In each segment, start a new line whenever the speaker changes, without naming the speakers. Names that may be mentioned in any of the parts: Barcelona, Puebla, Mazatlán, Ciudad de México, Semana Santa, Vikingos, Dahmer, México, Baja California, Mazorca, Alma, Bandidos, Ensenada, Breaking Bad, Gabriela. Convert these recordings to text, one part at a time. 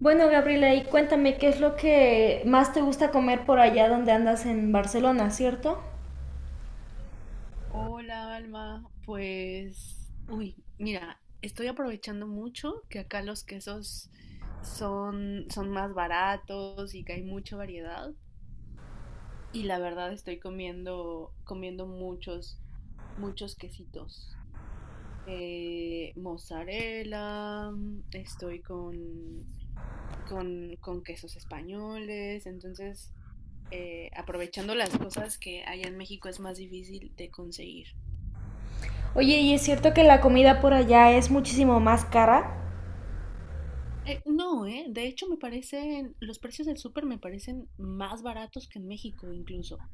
Bueno, Gabriela, y cuéntame qué es lo que más te gusta comer por allá donde andas en Barcelona, ¿cierto?
Hola, Alma. Pues, uy, mira, estoy aprovechando mucho que acá los quesos son más baratos y que hay mucha variedad. Y la verdad estoy comiendo muchos quesitos. Mozzarella, estoy con quesos españoles. Entonces, aprovechando las cosas que allá en México es más difícil de conseguir.
Oye, ¿y es cierto que la comida por allá es muchísimo más cara?
No, ¿eh? De hecho, los precios del súper me parecen más baratos que en México incluso.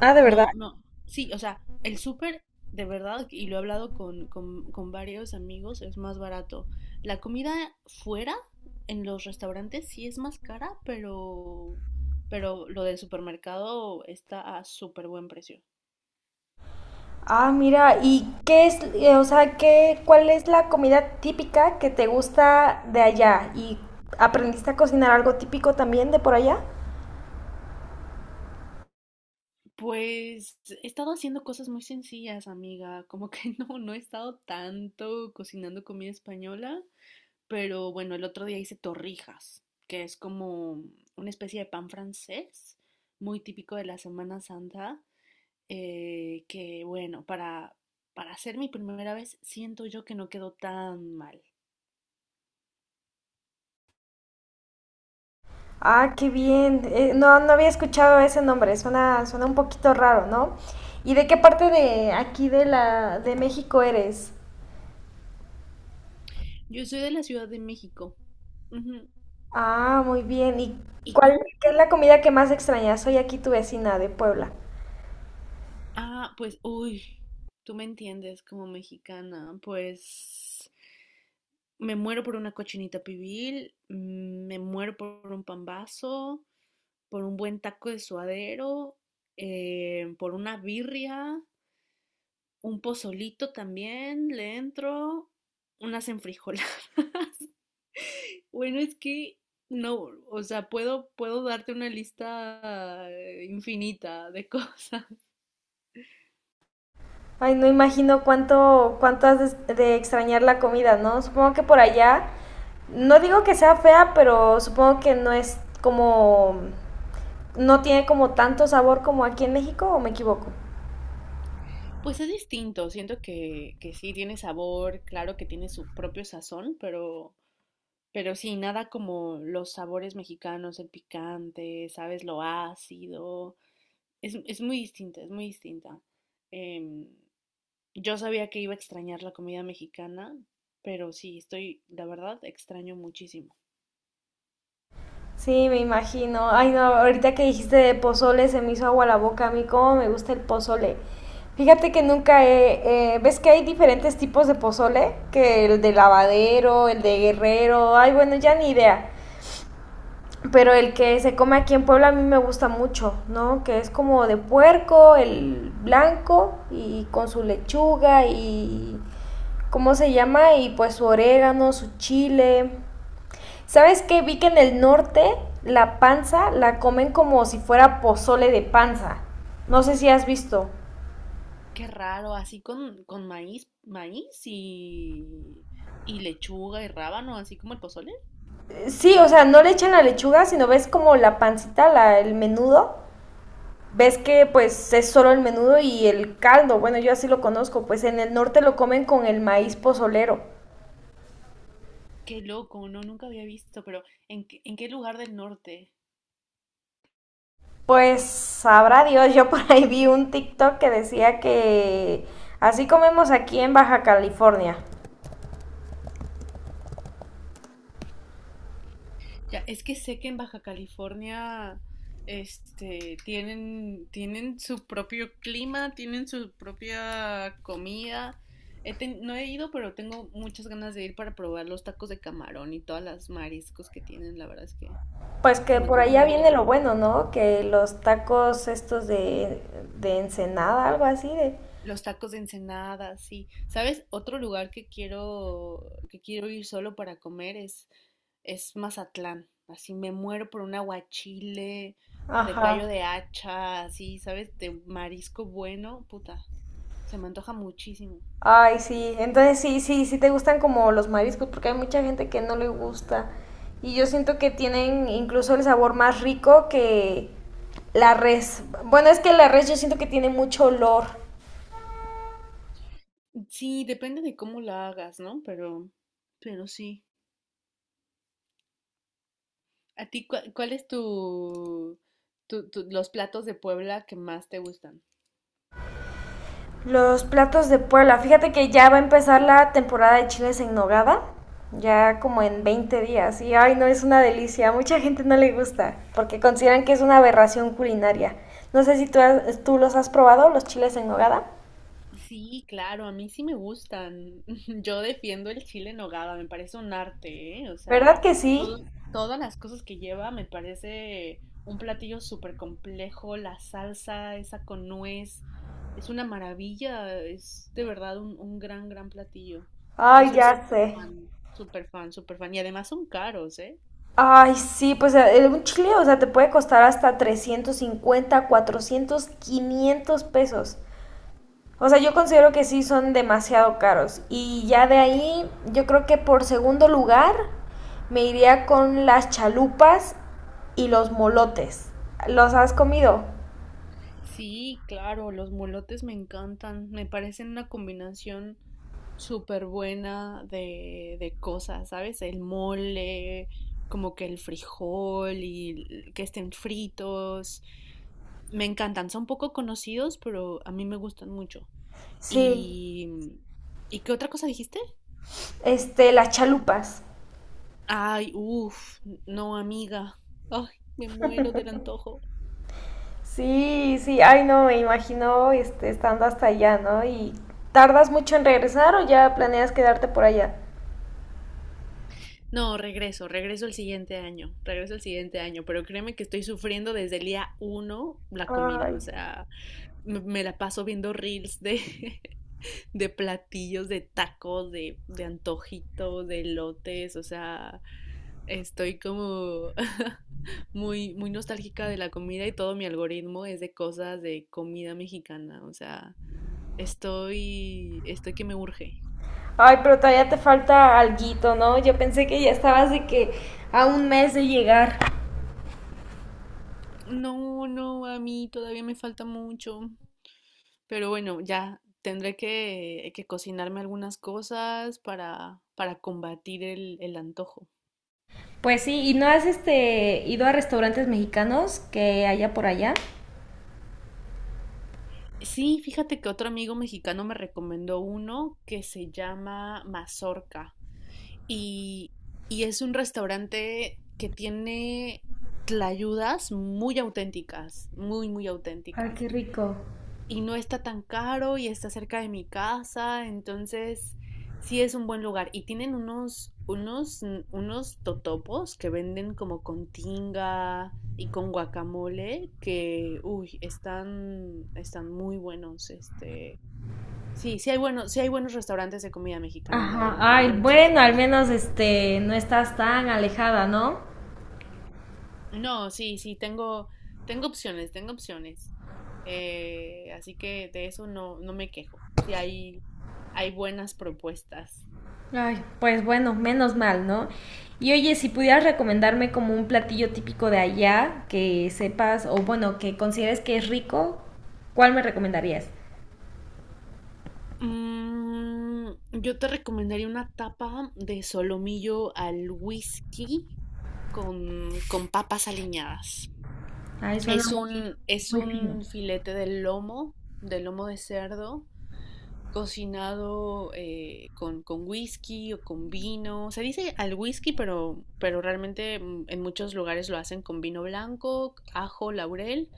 Ah, de verdad.
No, no, sí, o sea, el súper, de verdad, y lo he hablado con varios amigos, es más barato. La comida fuera, en los restaurantes, sí es más cara, pero lo del supermercado está a súper buen precio.
Ah, mira, ¿y qué es, o sea, qué, cuál es la comida típica que te gusta de allá? ¿Y aprendiste a cocinar algo típico también de por allá?
Pues he estado haciendo cosas muy sencillas, amiga, como que no, no he estado tanto cocinando comida española. Pero bueno, el otro día hice torrijas, que es como una especie de pan francés, muy típico de la Semana Santa, que bueno, para hacer mi primera vez siento yo que no quedó tan mal.
Ah, qué bien. No, no había escuchado ese nombre. Suena un poquito raro, ¿no? ¿Y de qué parte de aquí de la de México eres?
Yo soy de la Ciudad de México. Ujú.
Ah, muy bien. ¿Y
¿Y
cuál,
tú?
qué es la comida que más extrañas? Soy aquí tu vecina de Puebla.
Ah, pues, uy, tú me entiendes como mexicana, pues me muero por una cochinita pibil, me muero por un pambazo, por un buen taco de suadero, por una birria, un pozolito también, le entro, unas enfrijoladas. Bueno, es que no, o sea, puedo darte una lista infinita de cosas.
Ay, no imagino cuánto has de extrañar la comida, ¿no? Supongo que por allá, no digo que sea fea, pero supongo que no es como, no tiene como tanto sabor como aquí en México, ¿o me equivoco?
Pues es distinto, siento que sí tiene sabor, claro que tiene su propio sazón, pero sí, nada como los sabores mexicanos, el picante, sabes, lo ácido, es muy distinta, es muy distinta. Em, yo sabía que iba a extrañar la comida mexicana, pero sí, la verdad, extraño muchísimo.
Sí, me imagino. Ay, no, ahorita que dijiste de pozole se me hizo agua la boca. A mí cómo me gusta el pozole. Fíjate que nunca he... ¿ves que hay diferentes tipos de pozole? Que el de lavadero, el de guerrero, ay, bueno, ya ni idea. Pero el que se come aquí en Puebla a mí me gusta mucho, ¿no? Que es como de puerco, el blanco y con su lechuga y... ¿Cómo se llama? Y pues su orégano, su chile. ¿Sabes qué? Vi que en el norte la panza la comen como si fuera pozole de panza. No sé si has visto.
Qué raro, así con maíz y lechuga y rábano, así como el pozole.
Sí, o sea, no le echan la lechuga, sino ves como la pancita, el menudo. Ves que pues es solo el menudo y el caldo. Bueno, yo así lo conozco. Pues en el norte lo comen con el maíz pozolero.
Qué loco, no, nunca había visto, pero en qué lugar del norte?
Pues sabrá Dios, yo por ahí vi un TikTok que decía que así comemos aquí en Baja California.
Ya, es que sé que en Baja California, este, tienen su propio clima, tienen su propia comida. No he ido, pero tengo muchas ganas de ir para probar los tacos de camarón y todas las mariscos que tienen. La verdad es que
Pues
se
que
me
por
antoja un
allá viene
montón.
lo bueno, ¿no? Que los tacos estos de Ensenada, algo así de...
Los tacos de Ensenada, sí. ¿Sabes? Otro lugar que quiero ir solo para comer es Mazatlán. Así me muero por un aguachile de callo
Ajá.
de hacha, así, ¿sabes? De marisco bueno, puta. Se me antoja muchísimo.
Ay, sí. Entonces sí te gustan como los mariscos, porque hay mucha gente que no le gusta. Y yo siento que tienen incluso el sabor más rico que la res. Bueno, es que la res yo siento que tiene mucho olor.
Sí, depende de cómo la hagas, ¿no? Pero sí. ¿A ti cuál es los platos de Puebla que más te gustan?
Los platos de Puebla. Fíjate que ya va a empezar la temporada de chiles en nogada. Ya como en 20 días. Y ay, no, es una delicia. A mucha gente no le gusta porque consideran que es una aberración culinaria. No sé si tú, tú los has probado, los chiles en nogada.
Sí, claro, a mí sí me gustan. Yo defiendo el chile en nogada, me parece un arte, ¿eh? O sea,
¿Verdad que sí?
todas las cosas que lleva me parece un platillo súper complejo, la salsa esa con nuez, es una maravilla, es de verdad un gran, gran platillo. Yo
Ay,
soy
ya
súper
sé.
fan, súper fan, súper fan. Y además son caros, ¿eh?
Ay, sí, pues un chile, o sea, te puede costar hasta 350, 400, 500 pesos. O sea, yo considero que sí son demasiado caros. Y ya de ahí, yo creo que por segundo lugar me iría con las chalupas y los molotes. ¿Los has comido?
Sí, claro, los molotes me encantan, me parecen una combinación súper buena de cosas, ¿sabes? El mole, como que el frijol y que estén fritos, me encantan, son poco conocidos, pero a mí me gustan mucho.
Sí.
¿Y, ¿y qué otra cosa dijiste?
Este, las chalupas.
Ay, uff, no, amiga, ay, me muero del antojo.
Sí, sí. Ay, no, me imagino este, estando hasta allá, ¿no? Y tardas mucho en regresar o ya planeas quedarte por allá.
No, regreso el siguiente año, regreso el siguiente año, pero créeme que estoy sufriendo desde el día uno la comida,
Ay.
o sea, me la paso viendo reels de, de platillos, de tacos, de antojitos, de lotes, o sea, estoy como muy, muy nostálgica de la comida y todo mi algoritmo es de cosas de comida mexicana, o sea, estoy que me urge.
Ay, pero todavía te falta alguito, ¿no? Yo pensé que ya estabas de que a un mes de llegar.
No, no, a mí todavía me falta mucho. Pero bueno, ya tendré que cocinarme algunas cosas para combatir el antojo.
Pues sí, ¿y no has este ido a restaurantes mexicanos que haya por allá?
Sí, fíjate que otro amigo mexicano me recomendó uno que se llama Mazorca y, y es un restaurante que tiene tlayudas muy auténticas, muy, muy
Ay,
auténticas.
qué rico.
Y no está tan caro y está cerca de mi casa, entonces sí es un buen lugar. Y tienen unos totopos que venden como con tinga y con guacamole que, uy, están muy buenos, este. Sí, sí hay buenos restaurantes de comida mexicana, la
Ajá.
verdad, hay
Ay,
buenas
bueno,
opciones.
al menos este no estás tan alejada, ¿no?
No, sí, sí, tengo opciones, tengo opciones. Así que de eso no, no me quejo. Sí hay buenas propuestas.
Ay, pues bueno, menos mal, ¿no? Y oye, si pudieras recomendarme como un platillo típico de allá que sepas o bueno, que consideres que es rico, ¿cuál me recomendarías?
Yo te recomendaría una tapa de solomillo al whisky con papas aliñadas.
Ay, suena
Es
muy,
un, es
muy fino.
un filete de lomo, de cerdo, cocinado con whisky o con vino. Se dice al whisky, pero realmente en muchos lugares lo hacen con vino blanco, ajo, laurel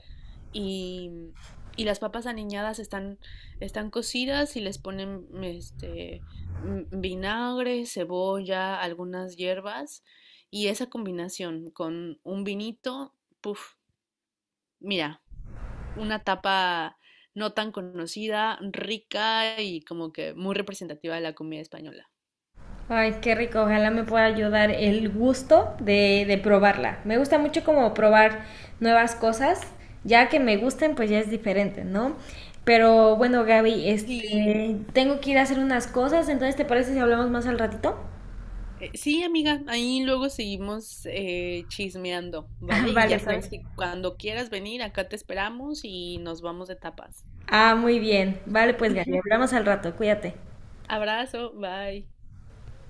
y, mm, y las papas aniñadas están cocidas y les ponen este, vinagre, cebolla, algunas hierbas y esa combinación con un vinito, puff, mira una tapa no tan conocida, rica y como que muy representativa de la comida española.
Ay, qué rico, ojalá me pueda ayudar el gusto de probarla. Me gusta mucho como probar nuevas cosas, ya que me gusten, pues ya es diferente, ¿no? Pero bueno, Gaby,
Sí.
este, tengo que ir a hacer unas cosas, entonces ¿te parece si hablamos más al ratito?
Sí, amiga, ahí luego seguimos chismeando,
Ah,
¿vale? Y
vale,
ya sabes
pues.
que cuando quieras venir, acá te esperamos y nos vamos de tapas.
Ah, muy bien. Vale, pues Gaby, hablamos al rato, cuídate.
Abrazo, bye.